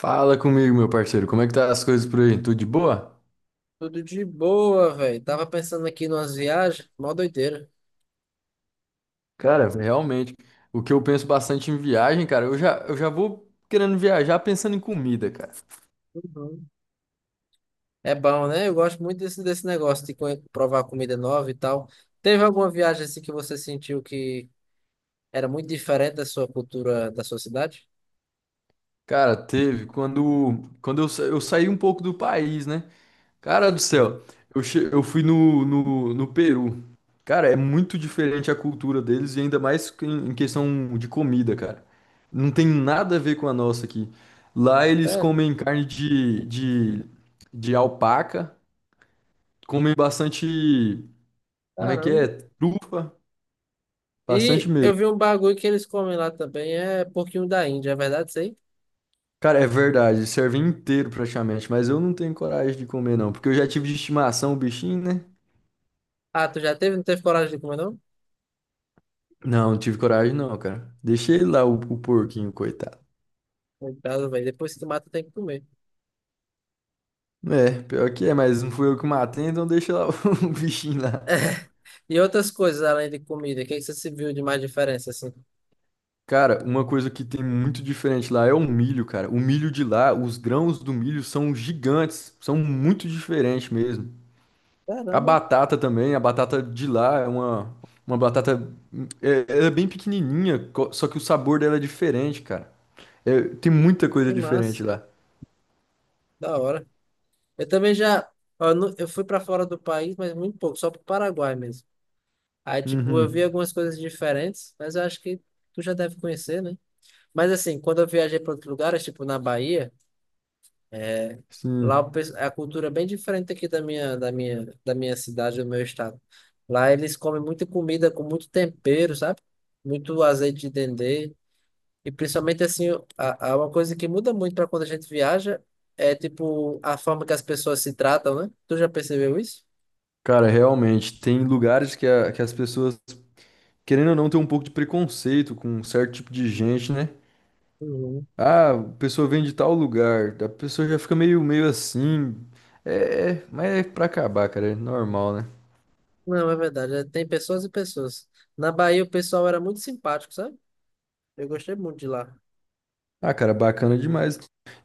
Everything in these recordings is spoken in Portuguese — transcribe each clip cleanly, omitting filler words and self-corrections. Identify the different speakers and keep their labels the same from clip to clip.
Speaker 1: Fala comigo, meu parceiro. Como é que tá as coisas por aí? Tudo de boa?
Speaker 2: Tudo de boa, velho. Tava pensando aqui numas viagens, mó doideira.
Speaker 1: Cara, realmente, o que eu penso bastante em viagem, cara, eu já vou querendo viajar pensando em comida, cara.
Speaker 2: Uhum. É bom, né? Eu gosto muito desse negócio de provar comida nova e tal. Teve alguma viagem assim que você sentiu que era muito diferente da sua cultura, da sua cidade?
Speaker 1: Cara, teve quando eu saí um pouco do país, né? Cara do
Speaker 2: Uhum.
Speaker 1: céu, eu fui no Peru. Cara, é muito diferente a cultura deles e ainda mais que em questão de comida, cara. Não tem nada a ver com a nossa aqui. Lá eles
Speaker 2: Sério?
Speaker 1: comem carne de alpaca. Comem bastante. Como é que é?
Speaker 2: Caramba.
Speaker 1: Trufa? Bastante
Speaker 2: E
Speaker 1: mesmo.
Speaker 2: eu vi um bagulho que eles comem lá também, é porquinho da Índia, é verdade isso aí?
Speaker 1: Cara, é verdade, serve inteiro praticamente, mas eu não tenho coragem de comer não, porque eu já tive de estimação o bichinho, né?
Speaker 2: Ah, tu já teve? Não teve coragem de comer, não?
Speaker 1: Não, não tive coragem não, cara. Deixei lá o porquinho, coitado.
Speaker 2: Coitado, velho. Depois que tu mata, tem que comer.
Speaker 1: É, pior que é, mas não fui eu que matei, então deixa lá o bichinho lá.
Speaker 2: E outras coisas além de comida, o que é que você se viu de mais diferença assim?
Speaker 1: Cara, uma coisa que tem muito diferente lá é o milho, cara. O milho de lá, os grãos do milho são gigantes, são muito diferentes mesmo. A
Speaker 2: Caramba.
Speaker 1: batata também, a batata de lá é uma batata. É, ela é bem pequenininha, só que o sabor dela é diferente, cara. É, tem muita coisa
Speaker 2: Que
Speaker 1: diferente
Speaker 2: massa,
Speaker 1: lá.
Speaker 2: da hora. Eu também já, ó, eu fui para fora do país, mas muito pouco, só pro Paraguai mesmo. Aí, tipo, eu
Speaker 1: Uhum.
Speaker 2: vi algumas coisas diferentes, mas eu acho que tu já deve conhecer, né? Mas assim, quando eu viajei para outros lugares, tipo na Bahia, lá o
Speaker 1: Sim.
Speaker 2: a cultura é bem diferente aqui da da minha cidade, do meu estado. Lá eles comem muita comida com muito tempero, sabe? Muito azeite de dendê. E principalmente assim, uma coisa que muda muito para quando a gente viaja é tipo a forma que as pessoas se tratam, né? Tu já percebeu isso?
Speaker 1: Cara, realmente, tem lugares que, que as pessoas, querendo ou não, tem um pouco de preconceito com um certo tipo de gente, né?
Speaker 2: Uhum.
Speaker 1: Ah, a pessoa vem de tal lugar, a pessoa já fica meio assim. É, mas é pra acabar, cara, é normal, né?
Speaker 2: Não, é verdade. Tem pessoas e pessoas. Na Bahia o pessoal era muito simpático, sabe? Eu gostei muito de lá.
Speaker 1: Ah, cara, bacana demais.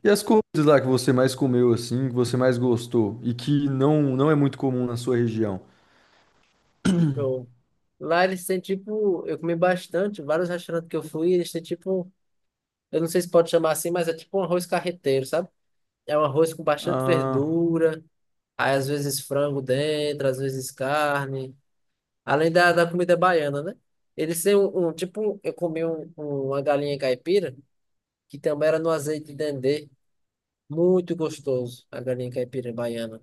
Speaker 1: E as comidas lá que você mais comeu, assim, que você mais gostou e que não é muito comum na sua região?
Speaker 2: Eu- Lá eles têm tipo, eu comi bastante, vários restaurantes que eu fui, eles têm tipo, eu não sei se pode chamar assim, mas é tipo um arroz carreteiro, sabe? É um arroz com bastante
Speaker 1: Ah,
Speaker 2: verdura, aí às vezes frango dentro, às vezes carne. Além da comida baiana, né? Eles têm tipo, eu comi uma galinha caipira, que também era no azeite de dendê. Muito gostoso, a galinha caipira baiana.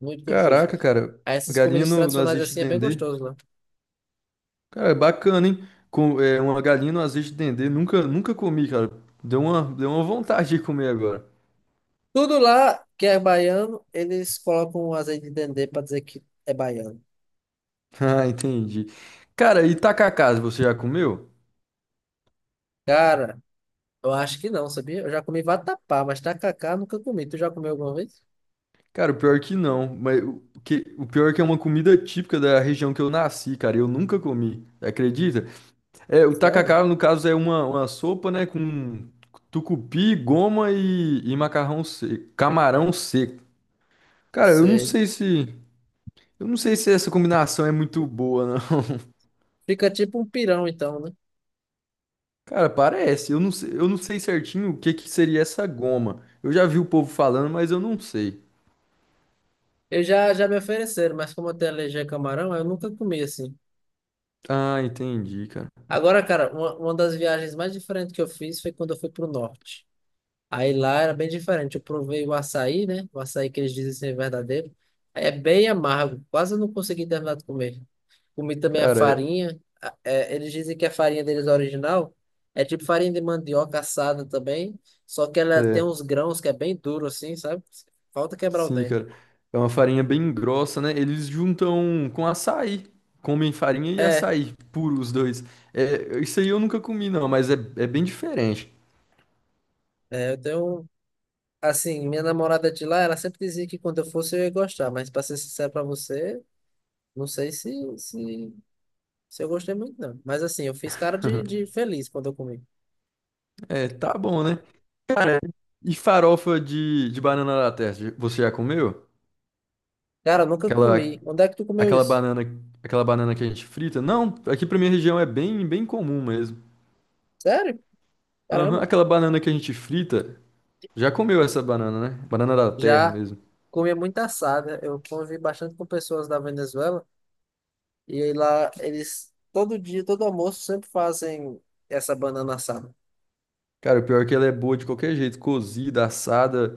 Speaker 2: Muito gostoso.
Speaker 1: caraca, cara,
Speaker 2: Aí Essas
Speaker 1: galinha
Speaker 2: comidas
Speaker 1: no
Speaker 2: tradicionais
Speaker 1: azeite de
Speaker 2: assim é bem
Speaker 1: dendê.
Speaker 2: gostoso lá.
Speaker 1: Cara, é bacana, hein? Com, é, uma galinha no azeite de dendê, nunca comi, cara. Deu uma vontade de comer agora.
Speaker 2: Tudo lá que é baiano, eles colocam um azeite de dendê para dizer que é baiano.
Speaker 1: Ah, entendi. Cara, e tacacás, você já comeu?
Speaker 2: Cara, eu acho que não, sabia? Eu já comi vatapá, mas tacacá eu nunca comi. Tu já comeu alguma vez?
Speaker 1: Cara, o pior que não, mas o pior é que é uma comida típica da região que eu nasci, cara, eu nunca comi, acredita? É, o
Speaker 2: Sério?
Speaker 1: tacacá, no caso, é uma sopa, né, com tucupi, goma e macarrão seco, camarão seco. Cara,
Speaker 2: Sei.
Speaker 1: eu não sei se essa combinação é muito boa, não.
Speaker 2: Fica tipo um pirão então, né?
Speaker 1: Cara, parece. Eu não sei certinho o que que seria essa goma. Eu já vi o povo falando, mas eu não sei.
Speaker 2: Eu já me ofereceram, mas como eu tenho alergia a camarão, eu nunca comi assim.
Speaker 1: Ah, entendi, cara.
Speaker 2: Agora, cara, uma das viagens mais diferentes que eu fiz foi quando eu fui pro norte. Aí lá era bem diferente. Eu provei o açaí, né? O açaí que eles dizem ser verdadeiro. É bem amargo, quase eu não consegui terminar de comer. Comi também a
Speaker 1: Cara, é.
Speaker 2: farinha. É, eles dizem que a farinha deles original é tipo farinha de mandioca assada também, só que ela tem
Speaker 1: É.
Speaker 2: uns grãos que é bem duro assim, sabe? Falta quebrar o
Speaker 1: Sim,
Speaker 2: dente.
Speaker 1: cara. É uma farinha bem grossa, né? Eles juntam com açaí. Comem farinha e
Speaker 2: É,
Speaker 1: açaí, puro os dois. É, isso aí eu nunca comi, não, mas é bem diferente.
Speaker 2: eu tenho um. Assim, minha namorada de lá, ela sempre dizia que quando eu fosse eu ia gostar, mas pra ser sincero pra você, não sei se, se eu gostei muito, não. Mas assim, eu fiz cara de feliz quando eu comi.
Speaker 1: É, tá bom, né? Cara, e farofa de banana da terra, você já comeu?
Speaker 2: Cara, eu nunca
Speaker 1: Aquela,
Speaker 2: comi. Onde é que tu comeu
Speaker 1: aquela
Speaker 2: isso?
Speaker 1: banana, aquela banana que a gente frita? Não, aqui pra minha região é bem comum mesmo.
Speaker 2: Sério?
Speaker 1: Aham,
Speaker 2: Caramba.
Speaker 1: aquela banana que a gente frita, já comeu essa banana, né? Banana da terra
Speaker 2: Já
Speaker 1: mesmo.
Speaker 2: comia muita assada. Eu convivi bastante com pessoas da Venezuela e aí lá eles, todo dia, todo almoço, sempre fazem essa banana assada.
Speaker 1: Cara, o pior é que ela é boa de qualquer jeito, cozida, assada.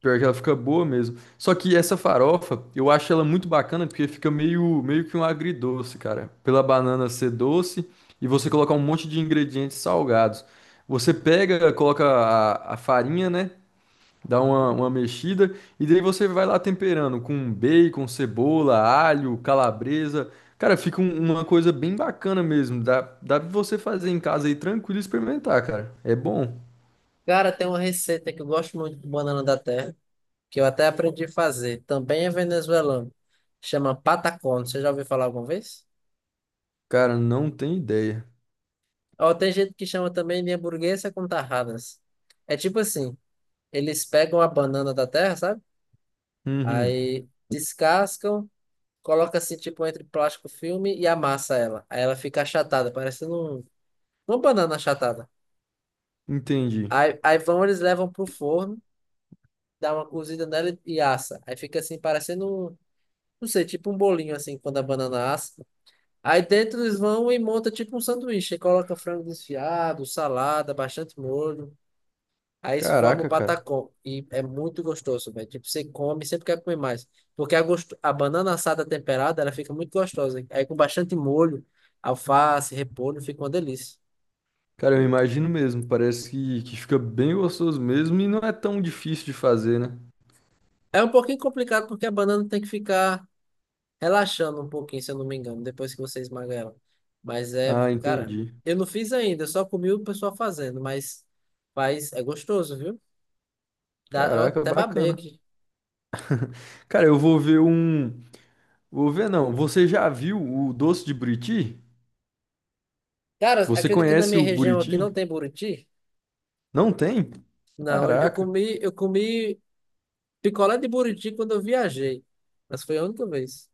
Speaker 1: Pior que ela fica boa mesmo. Só que essa farofa, eu acho ela muito bacana porque fica meio que um agridoce, cara. Pela banana ser doce e você colocar um monte de ingredientes salgados. Você pega, coloca a farinha, né? Dá uma mexida e daí você vai lá temperando com bacon, cebola, alho, calabresa. Cara, fica uma coisa bem bacana mesmo. Dá pra você fazer em casa aí tranquilo e experimentar, cara. É bom.
Speaker 2: Cara, tem uma receita que eu gosto muito de banana da terra, que eu até aprendi a fazer. Também é venezuelano. Chama patacón. Você já ouviu falar alguma vez?
Speaker 1: Cara, não tem ideia.
Speaker 2: Ou tem gente que chama também de hamburguesa com tarradas. É tipo assim, eles pegam a banana da terra, sabe?
Speaker 1: Uhum,
Speaker 2: Aí descascam, coloca assim tipo entre plástico filme e amassa ela. Aí ela fica achatada, parecendo uma banana achatada.
Speaker 1: entendi.
Speaker 2: Eles levam pro forno, dá uma cozida nela e assa. Aí fica assim, parecendo um, não sei, tipo um bolinho assim, quando a banana assa. Aí dentro eles vão e monta tipo um sanduíche. Aí coloca frango desfiado, salada, bastante molho. Aí se forma o
Speaker 1: Caraca, cara.
Speaker 2: patacão. E é muito gostoso, velho. Tipo, você come, sempre quer comer mais. Porque a banana assada temperada, ela fica muito gostosa, hein? Aí com bastante molho, alface, repolho, fica uma delícia.
Speaker 1: Cara, eu imagino mesmo. Parece que fica bem gostoso mesmo e não é tão difícil de fazer, né?
Speaker 2: É um pouquinho complicado porque a banana tem que ficar relaxando um pouquinho, se eu não me engano, depois que você esmaga ela. Mas é,
Speaker 1: Ah,
Speaker 2: cara,
Speaker 1: entendi.
Speaker 2: eu não fiz ainda, eu só comi o pessoal fazendo, mas faz, é gostoso, viu? Dá, eu
Speaker 1: Caraca,
Speaker 2: até babei
Speaker 1: bacana.
Speaker 2: aqui.
Speaker 1: Cara, eu vou ver um. Vou ver, não. Você já viu o doce de Buriti?
Speaker 2: Cara,
Speaker 1: Você
Speaker 2: acredita que na
Speaker 1: conhece
Speaker 2: minha
Speaker 1: o
Speaker 2: região aqui
Speaker 1: Buriti?
Speaker 2: não tem buriti?
Speaker 1: Não tem?
Speaker 2: Não,
Speaker 1: Caraca.
Speaker 2: eu comi picolé de buriti quando eu viajei. Mas foi a única vez.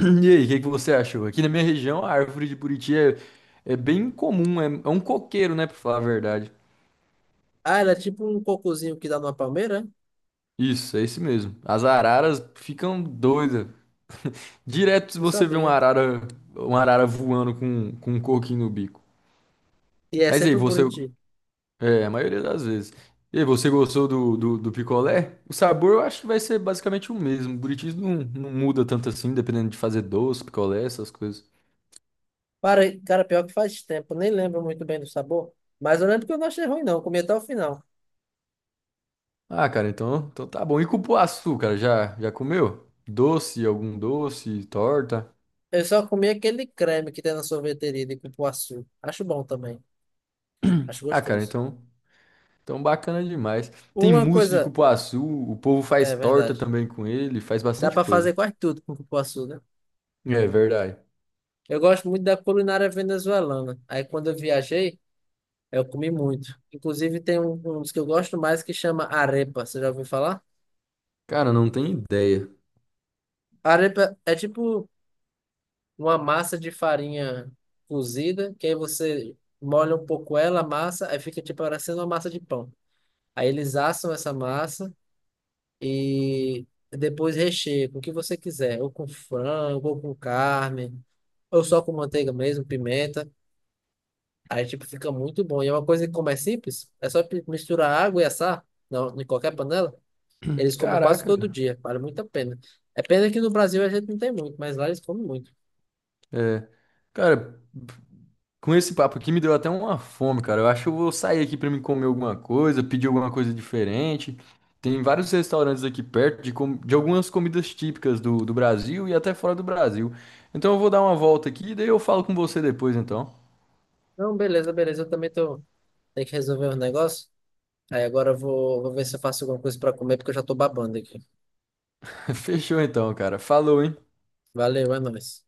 Speaker 1: E aí, o que que você achou? Aqui na minha região, a árvore de Buriti é bem comum. É, é um coqueiro, né? Pra falar a verdade.
Speaker 2: Ah, era tipo um cocozinho que dá numa palmeira, é?
Speaker 1: Isso, é esse mesmo. As araras ficam doidas. Direto
Speaker 2: Não
Speaker 1: você vê
Speaker 2: sabia.
Speaker 1: uma arara voando com um coquinho no bico.
Speaker 2: E é
Speaker 1: Mas aí,
Speaker 2: sempre o
Speaker 1: você.
Speaker 2: buriti.
Speaker 1: É, a maioria das vezes. E aí, você gostou do picolé? O sabor eu acho que vai ser basicamente o mesmo. O Buritis não muda tanto assim, dependendo de fazer doce, picolé, essas coisas.
Speaker 2: Para, cara, pior que faz tempo, nem lembro muito bem do sabor. Mas eu lembro que eu não achei ruim, não. Eu comi até o final.
Speaker 1: Ah, cara, então tá bom. E cupuaçu, cara, já comeu? Doce, algum doce, torta?
Speaker 2: Eu só comi aquele creme que tem na sorveteria de cupuaçu. Acho bom também. Acho
Speaker 1: Ah, cara,
Speaker 2: gostoso.
Speaker 1: então bacana demais. Tem
Speaker 2: Uma
Speaker 1: mousse de
Speaker 2: coisa.
Speaker 1: cupuaçu, o povo faz
Speaker 2: É
Speaker 1: torta
Speaker 2: verdade.
Speaker 1: também com ele, faz
Speaker 2: Dá
Speaker 1: bastante
Speaker 2: pra fazer
Speaker 1: coisa.
Speaker 2: quase tudo com cupuaçu, né?
Speaker 1: É verdade.
Speaker 2: Eu gosto muito da culinária venezuelana. Aí quando eu viajei, eu comi muito. Inclusive tem um dos que eu gosto mais que chama arepa. Você já ouviu falar?
Speaker 1: Cara, não tem ideia.
Speaker 2: Arepa é tipo uma massa de farinha cozida, que aí você molha um pouco ela, a massa, aí fica tipo parecendo uma massa de pão. Aí eles assam essa massa e depois recheia com o que você quiser, ou com frango, ou com carne, ou só com manteiga mesmo, pimenta. Aí, tipo, fica muito bom. E é uma coisa que, como é simples, é só misturar água e assar em qualquer panela. Eles comem quase
Speaker 1: Caraca,
Speaker 2: todo
Speaker 1: cara.
Speaker 2: dia. Vale muito a pena. É pena que no Brasil a gente não tem muito, mas lá eles comem muito.
Speaker 1: É. Cara, com esse papo aqui me deu até uma fome, cara. Eu acho que eu vou sair aqui pra me comer alguma coisa, pedir alguma coisa diferente. Tem vários restaurantes aqui perto de algumas comidas típicas do Brasil e até fora do Brasil. Então eu vou dar uma volta aqui e daí eu falo com você depois, então.
Speaker 2: Não, beleza, beleza. Eu também tô... tenho que resolver um negócio. Aí agora eu vou ver se eu faço alguma coisa pra comer, porque eu já tô babando aqui.
Speaker 1: Fechou então, cara. Falou, hein?
Speaker 2: Valeu, é nóis.